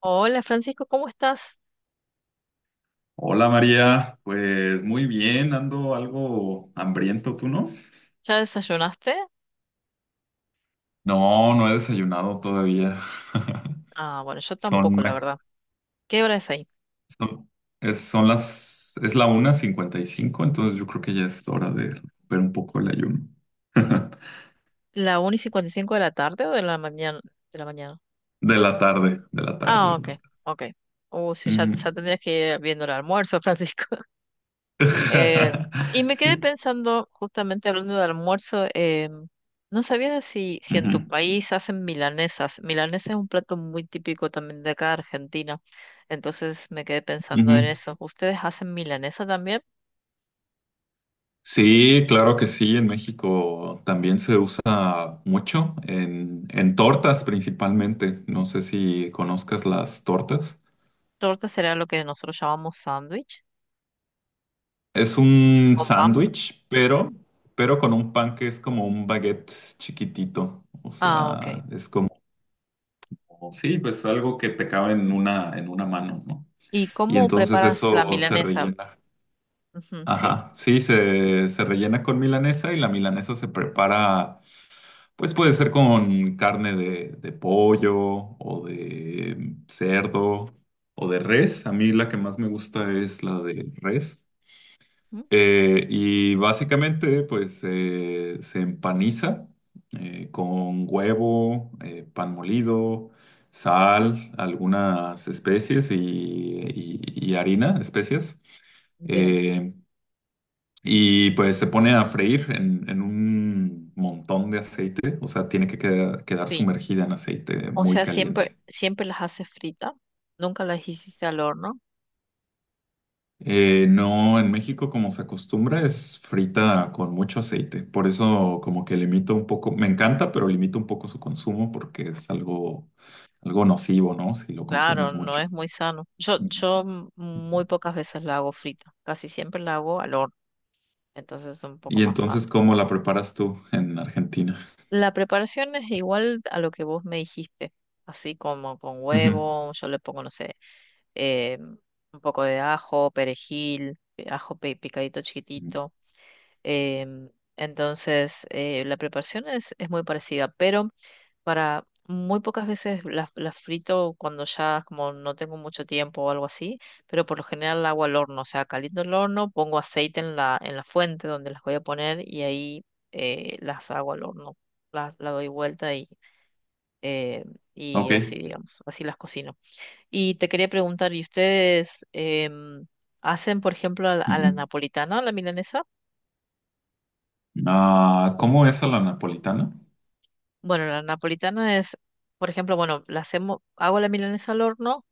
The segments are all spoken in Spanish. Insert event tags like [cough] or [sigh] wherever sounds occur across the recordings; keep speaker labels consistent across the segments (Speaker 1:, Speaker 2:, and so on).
Speaker 1: Hola Francisco, ¿cómo estás?
Speaker 2: Hola María, pues muy bien, ando algo hambriento, ¿tú no?
Speaker 1: ¿Ya desayunaste?
Speaker 2: No, no he desayunado todavía. [laughs]
Speaker 1: Ah, bueno, yo
Speaker 2: Son,
Speaker 1: tampoco, la
Speaker 2: la-
Speaker 1: verdad. ¿Qué hora es ahí?
Speaker 2: son, Son las, es la 1:55, entonces yo creo que ya es hora de romper un poco el ayuno. [laughs]
Speaker 1: ¿La una y 55 de la tarde o de la mañana? De la mañana.
Speaker 2: De la tarde, de la tarde,
Speaker 1: Ah,
Speaker 2: de la
Speaker 1: ok,
Speaker 2: tarde.
Speaker 1: ok. Sí,
Speaker 2: Ujú.
Speaker 1: ya tendrías que ir viendo el almuerzo, Francisco. [laughs] Eh,
Speaker 2: [laughs]
Speaker 1: y me quedé
Speaker 2: Sí.
Speaker 1: pensando, justamente hablando de almuerzo, no sabía si en tu
Speaker 2: Ujú,
Speaker 1: país hacen milanesas. Milanesa es un plato muy típico también de acá, Argentina. Entonces me quedé
Speaker 2: ujú.
Speaker 1: pensando en eso. ¿Ustedes hacen milanesa también?
Speaker 2: Sí, claro que sí, en México también se usa mucho, en tortas principalmente. No sé si conozcas las tortas.
Speaker 1: Torta será lo que nosotros llamamos sándwich
Speaker 2: Es un
Speaker 1: con pan.
Speaker 2: sándwich, pero con un pan que es como un baguette chiquitito. O
Speaker 1: Ah, ok.
Speaker 2: sea, es como, sí, pues algo que te cabe en una mano, ¿no?
Speaker 1: ¿Y
Speaker 2: Y
Speaker 1: cómo
Speaker 2: entonces
Speaker 1: preparas la
Speaker 2: eso se
Speaker 1: milanesa?
Speaker 2: rellena.
Speaker 1: Ujú, sí.
Speaker 2: Ajá, sí, se rellena con milanesa y la milanesa se prepara. Pues puede ser con carne de pollo o de cerdo o de res. A mí la que más me gusta es la de res.
Speaker 1: Ujú.
Speaker 2: Y básicamente pues se empaniza con huevo, pan molido, sal, algunas especies y harina, especias.
Speaker 1: Bien.
Speaker 2: Eh, y pues se pone a freír en un montón de aceite, o sea, tiene que quedar
Speaker 1: Sí.
Speaker 2: sumergida en aceite
Speaker 1: O
Speaker 2: muy
Speaker 1: sea, siempre,
Speaker 2: caliente.
Speaker 1: siempre las haces frita. Nunca las hiciste al horno.
Speaker 2: No, en México como se acostumbra es frita con mucho aceite, por
Speaker 1: Mm.
Speaker 2: eso como que limito un poco, me encanta, pero limito un poco su consumo porque es algo, algo nocivo, ¿no? Si lo
Speaker 1: Claro,
Speaker 2: consumes
Speaker 1: no es
Speaker 2: mucho.
Speaker 1: muy sano. Yo,
Speaker 2: Ujú.
Speaker 1: muy pocas veces la hago frita. Casi siempre la hago al horno. Entonces es un poco
Speaker 2: Y
Speaker 1: más sano.
Speaker 2: entonces, ¿cómo la preparas tú en Argentina?
Speaker 1: La preparación es igual a lo que vos me dijiste. Así como con
Speaker 2: Ujú.
Speaker 1: huevo, yo le pongo, no sé. eh, un poco de ajo, perejil, picadito
Speaker 2: Ujú.
Speaker 1: chiquitito. em, entonces, la preparación es muy parecida, pero para muy pocas veces las frito cuando ya como no tengo mucho tiempo o algo así, pero por lo general la hago al horno, o sea, caliento el horno, pongo aceite en en la fuente donde las voy a poner y ahí las hago al horno. La doy vuelta eh, y así,
Speaker 2: Ok.
Speaker 1: digamos, así las cocino. Y te quería preguntar, ¿y ustedes em, hacen, por ejemplo, a a la
Speaker 2: Ujú.
Speaker 1: napolitana o la milanesa?
Speaker 2: Ah, ¿cómo es a la napolitana?
Speaker 1: Bueno, la napolitana es, por ejemplo, bueno, hago la milanesa al horno.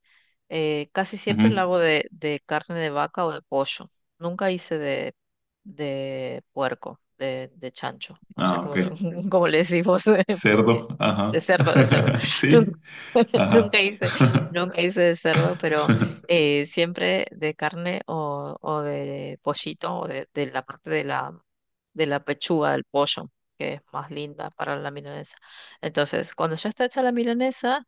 Speaker 1: Casi siempre la
Speaker 2: Ujú.
Speaker 1: hago de carne de vaca o de pollo. Nunca hice de puerco, de chancho. No sé
Speaker 2: Ah, ok.
Speaker 1: cómo, [laughs] cómo le decimos, [laughs] pues,
Speaker 2: Cerdo, ajá.
Speaker 1: de cerdo.
Speaker 2: [laughs]
Speaker 1: Nunca,
Speaker 2: Sí,
Speaker 1: [laughs] nunca
Speaker 2: ajá.
Speaker 1: hice,
Speaker 2: [laughs]
Speaker 1: nunca hice de cerdo, pero siempre de carne o de pollito o de la parte de de la pechuga del pollo, que es más linda para la milanesa. Entonces, cuando ya está hecha la milanesa,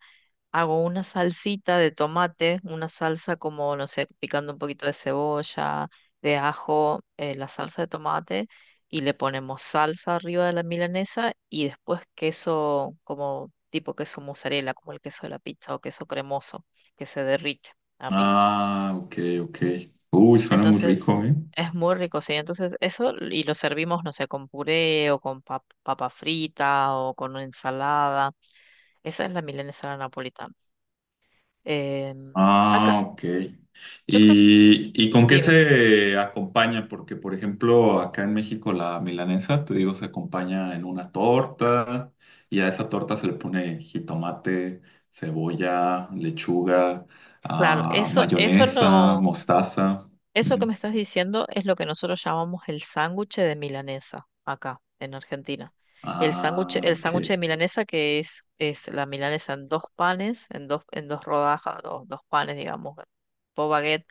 Speaker 1: hago una salsita de tomate, una salsa como, no sé, picando un poquito de cebolla, de ajo, la salsa de tomate, y le ponemos salsa arriba de la milanesa y después queso como tipo queso mozzarella, como el queso de la pizza o queso cremoso, que se derrite arriba.
Speaker 2: Ah, ok, ok. Uy, suena muy
Speaker 1: Entonces,
Speaker 2: rico, ¿eh?
Speaker 1: es muy rico, sí. Entonces, eso y lo servimos, no sé, con puré o con papa frita o con una ensalada. Esa es la milanesa a la napolitana. Em, acá.
Speaker 2: Ah, ok.
Speaker 1: Yo creo.
Speaker 2: Y con qué
Speaker 1: Dime,
Speaker 2: se acompaña? Porque, por ejemplo, acá en México la milanesa, te digo, se acompaña en una torta y a esa torta se le pone jitomate, cebolla, lechuga,
Speaker 1: claro,
Speaker 2: ah,
Speaker 1: eso, eso
Speaker 2: mayonesa,
Speaker 1: lo,
Speaker 2: mostaza.
Speaker 1: eso que
Speaker 2: Ujú.
Speaker 1: me estás diciendo es lo que nosotros llamamos el sándwich de milanesa acá en Argentina.
Speaker 2: Ah,
Speaker 1: El
Speaker 2: ok.
Speaker 1: sándwich de milanesa que es la milanesa en dos panes, en dos rodajas, dos, dos panes, digamos, dos baguettes,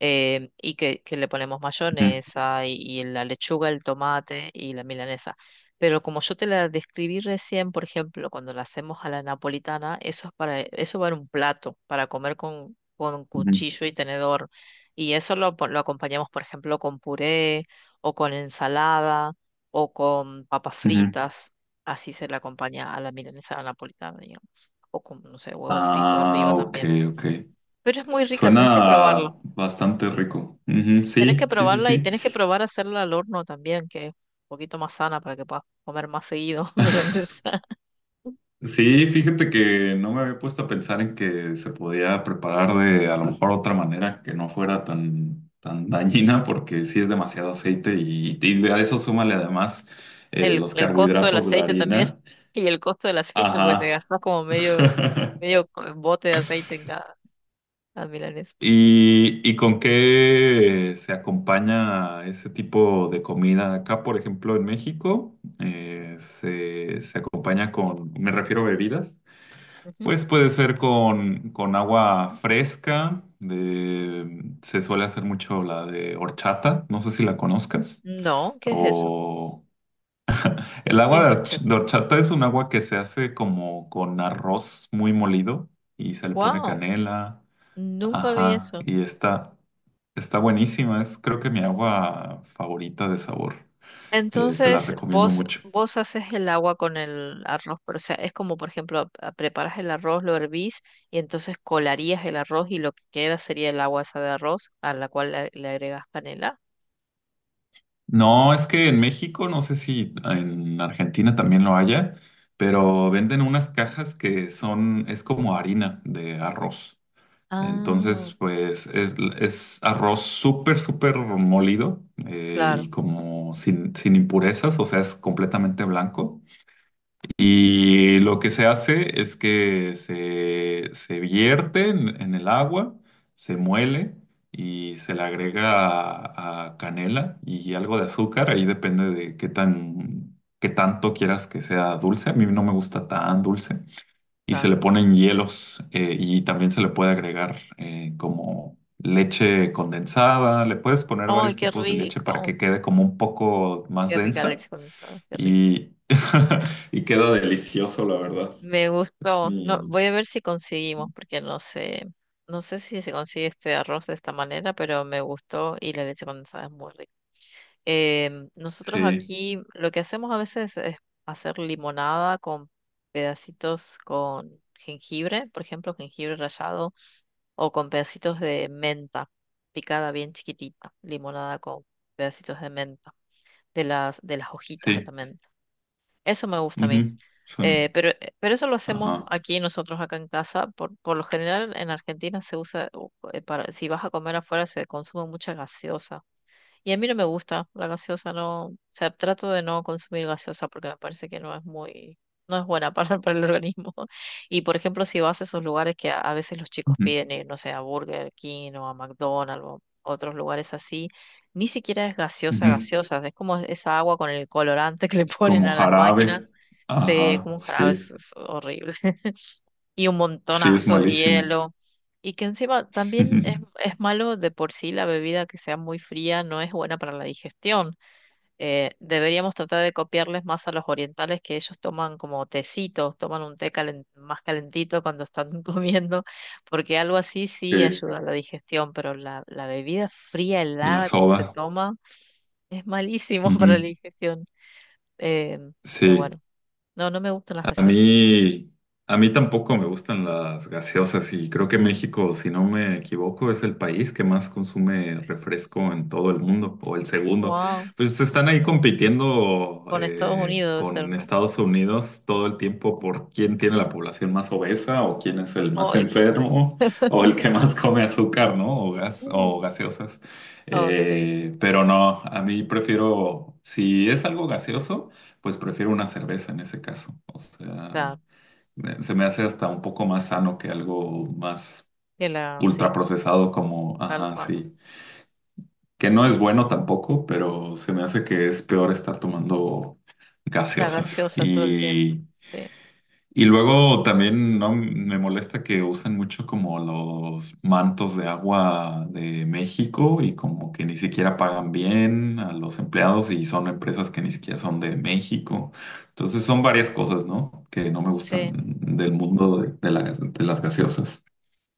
Speaker 1: y que le ponemos
Speaker 2: Ujú,
Speaker 1: mayonesa y la lechuga, el tomate y la milanesa. Pero como yo te la describí recién, por ejemplo, cuando la hacemos a la napolitana, eso es para, eso va en un plato, para comer con
Speaker 2: ujú.
Speaker 1: cuchillo y tenedor. Y lo acompañamos, por ejemplo, con puré o con ensalada o con papas
Speaker 2: Ujú.
Speaker 1: fritas. Así se le acompaña a la milanesa a la napolitana, digamos. O con, no sé, huevo frito arriba
Speaker 2: Ah, ok,
Speaker 1: también.
Speaker 2: ok.
Speaker 1: Pero es muy rica, tenés que probarlo.
Speaker 2: Suena bastante rico. Ujú,
Speaker 1: Tienes
Speaker 2: sí,
Speaker 1: que
Speaker 2: sí, sí,
Speaker 1: probarla y
Speaker 2: sí.
Speaker 1: tienes que probar hacerla al horno también, que es un poquito más sana para que puedas comer más seguido [laughs]
Speaker 2: [laughs]
Speaker 1: milanesa.
Speaker 2: Sí, fíjate que no me había puesto a pensar en que se podía preparar de a lo mejor otra manera que no fuera tan, tan dañina, porque sí es demasiado aceite y a eso súmale además los
Speaker 1: El costo del
Speaker 2: carbohidratos de la
Speaker 1: aceite también.
Speaker 2: harina.
Speaker 1: Y el costo del aceite, pues te
Speaker 2: Ajá.
Speaker 1: gastas como medio,
Speaker 2: [laughs]
Speaker 1: bote de aceite en cada milanesa.
Speaker 2: ¿Y, y con qué se acompaña ese tipo de comida? Acá, por ejemplo, en México, se acompaña con, me refiero a bebidas,
Speaker 1: Ujú.
Speaker 2: pues puede ser con agua fresca, de, se suele hacer mucho la de horchata, no sé si la conozcas,
Speaker 1: No, ¿qué es eso?
Speaker 2: o el
Speaker 1: ¿Qué
Speaker 2: agua
Speaker 1: es
Speaker 2: de
Speaker 1: horchata?
Speaker 2: de horchata es un agua que se hace como con arroz muy molido y se le pone
Speaker 1: Wow,
Speaker 2: canela,
Speaker 1: nunca vi
Speaker 2: ajá,
Speaker 1: eso.
Speaker 2: y está... Está buenísima, es creo que mi agua favorita de sabor. Te la
Speaker 1: Entonces,
Speaker 2: recomiendo mucho.
Speaker 1: vos haces el agua con el arroz, pero o sea, es como, por ejemplo, preparas el arroz, lo hervís y entonces colarías el arroz y lo que queda sería el agua esa de arroz a la cual le agregas canela.
Speaker 2: No, es que en México, no sé si en Argentina también lo haya, pero venden unas cajas que son, es como harina de arroz.
Speaker 1: Ah,
Speaker 2: Entonces, pues es arroz súper, súper molido y
Speaker 1: claro.
Speaker 2: como sin, sin impurezas, o sea, es completamente blanco.
Speaker 1: Mm,
Speaker 2: Y lo que se hace es que se vierte en el agua, se muele y se le agrega a canela y algo de azúcar. Ahí depende de qué tan, qué tanto quieras que sea dulce. A mí no me gusta tan dulce. Y se
Speaker 1: claro.
Speaker 2: le ponen hielos y también se le puede agregar como leche condensada. Le puedes poner
Speaker 1: Ay,
Speaker 2: varios
Speaker 1: qué
Speaker 2: tipos de leche para
Speaker 1: rico.
Speaker 2: que quede como un poco más
Speaker 1: Qué rica
Speaker 2: densa
Speaker 1: leche condensada, qué rico.
Speaker 2: y, [laughs] y queda delicioso, la verdad.
Speaker 1: Me
Speaker 2: Es
Speaker 1: gustó. No,
Speaker 2: mi...
Speaker 1: voy a ver si conseguimos, porque no sé, no sé si se consigue este arroz de esta manera, pero me gustó y la leche condensada es muy rica. Em, nosotros
Speaker 2: Sí,
Speaker 1: aquí lo que hacemos a veces es hacer limonada con pedacitos con jengibre, por ejemplo, jengibre rallado, o con pedacitos de menta picada bien chiquitita, limonada con pedacitos de menta, de de las hojitas de
Speaker 2: sí.
Speaker 1: la menta. Eso me gusta a mí.
Speaker 2: Ujú,
Speaker 1: Eh,
Speaker 2: son...
Speaker 1: pero, eh, pero eso lo hacemos
Speaker 2: Ajá.
Speaker 1: aquí nosotros acá en casa. Por lo general en Argentina se usa, si vas a comer afuera se consume mucha gaseosa y a mí no me gusta la gaseosa, no, o sea, trato de no consumir gaseosa porque me parece que no es muy, no es buena [laughs] para el organismo. [laughs] Y por ejemplo, si vas a esos lugares que a veces los chicos
Speaker 2: Ujú,
Speaker 1: piden ir, no sé, a Burger King o a McDonald's o otros lugares así, ni siquiera es gaseosa,
Speaker 2: ujú,
Speaker 1: gaseosa, es como esa agua con el colorante [laughs] que le ponen
Speaker 2: como
Speaker 1: a las
Speaker 2: jarabe.
Speaker 1: máquinas,
Speaker 2: Ajá,
Speaker 1: como un jarabe,
Speaker 2: sí.
Speaker 1: es horrible y un
Speaker 2: Sí, es
Speaker 1: montonazo de
Speaker 2: malísimo.
Speaker 1: hielo. Y que encima también
Speaker 2: [laughs]
Speaker 1: es malo de por sí la bebida que sea muy fría, no es buena para la digestión. Deberíamos tratar de copiarles más a los orientales que ellos toman como tecitos, toman un té más calentito cuando están [laughs] comiendo, porque algo así sí
Speaker 2: Sí,
Speaker 1: ayuda a la digestión, pero la bebida fría,
Speaker 2: la
Speaker 1: helada, como se
Speaker 2: soda.
Speaker 1: toma, es malísimo [laughs] para la
Speaker 2: Ujú,
Speaker 1: digestión. Eh, pero
Speaker 2: sí.
Speaker 1: bueno, no, no me gustan las
Speaker 2: A
Speaker 1: gaseosas.
Speaker 2: mí, a mí tampoco me gustan las gaseosas y creo que México, si no me equivoco, es el país que más consume refresco en todo el mundo, o el segundo.
Speaker 1: Wow,
Speaker 2: Pues están ahí compitiendo
Speaker 1: con Estados Unidos debe
Speaker 2: con
Speaker 1: ser, ¿no?
Speaker 2: Estados Unidos todo el tiempo por quién tiene la población más obesa o quién es el más
Speaker 1: Ay,
Speaker 2: enfermo o el que
Speaker 1: [laughs]
Speaker 2: más come azúcar, ¿no? O gas, o gaseosas.
Speaker 1: Oh, qué triste.
Speaker 2: Pero no, a mí prefiero, si es algo gaseoso. Pues prefiero una cerveza en ese caso. O sea,
Speaker 1: Claro,
Speaker 2: se me hace hasta un poco más sano que algo más
Speaker 1: que la, sí,
Speaker 2: ultraprocesado como,
Speaker 1: tal
Speaker 2: ajá,
Speaker 1: cual.
Speaker 2: sí. Que no
Speaker 1: Sí,
Speaker 2: es bueno
Speaker 1: supongo, sí.
Speaker 2: tampoco, pero se me hace que es peor estar tomando
Speaker 1: La
Speaker 2: gaseosas.
Speaker 1: gaseosa todo el tiempo.
Speaker 2: Y
Speaker 1: Sí.
Speaker 2: y luego también no me molesta que usan mucho como los mantos de agua de México y como que ni siquiera pagan bien a los empleados y son empresas que ni siquiera son de México. Entonces
Speaker 1: Mm.
Speaker 2: son varias cosas, ¿no? Que no me gustan
Speaker 1: Sí,
Speaker 2: del mundo de, de las gaseosas.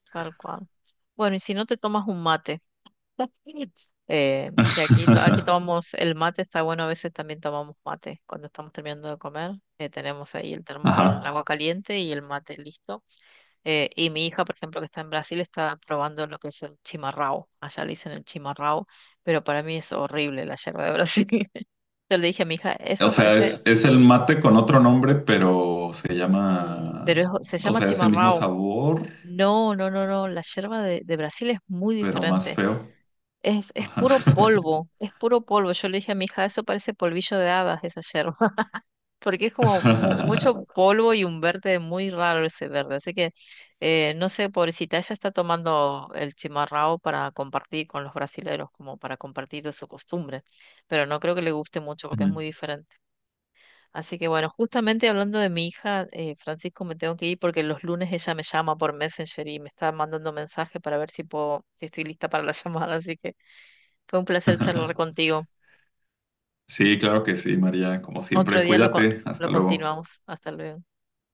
Speaker 1: tal cual. Bueno, y si no te tomas un mate, [laughs] aquí
Speaker 2: [laughs]
Speaker 1: tomamos el mate, está bueno, a veces también tomamos mate. Cuando estamos terminando de comer, tenemos ahí el termo con el
Speaker 2: Ajá.
Speaker 1: agua caliente y el mate listo. Y mi hija, por ejemplo, que está en Brasil, está probando lo que es el chimarrao. Allá le dicen el chimarrao, pero para mí es horrible la yerba de [laughs] Brasil. Yo le dije a mi hija,
Speaker 2: O
Speaker 1: eso
Speaker 2: sea,
Speaker 1: parece,
Speaker 2: es el mate con otro nombre, pero se llama,
Speaker 1: se
Speaker 2: o
Speaker 1: llama
Speaker 2: sea, es el mismo
Speaker 1: chimarrão.
Speaker 2: sabor,
Speaker 1: No, no, no, no, la yerba de Brasil es muy
Speaker 2: pero más
Speaker 1: diferente.
Speaker 2: feo.
Speaker 1: Es
Speaker 2: Ajá.
Speaker 1: puro polvo, es puro polvo. Yo le dije a mi hija, eso parece polvillo de hadas, esa yerba, [laughs] porque es como mucho
Speaker 2: [laughs]
Speaker 1: polvo y un verde muy raro ese verde. Así que, no sé, pobrecita, ella está tomando el chimarrão para compartir con los brasileros, como para compartir de su costumbre, pero no creo que le guste mucho porque es muy diferente. Así que bueno, justamente hablando de mi hija, Francisco, me tengo que ir porque los lunes ella me llama por Messenger y me está mandando mensaje para ver si puedo, si estoy lista para la [laughs] llamada. Así que fue un placer charlar contigo.
Speaker 2: Sí, claro que sí, María. Como
Speaker 1: Otro
Speaker 2: siempre,
Speaker 1: día lo, con-
Speaker 2: cuídate.
Speaker 1: Lo
Speaker 2: Hasta luego.
Speaker 1: continuamos. Hasta luego.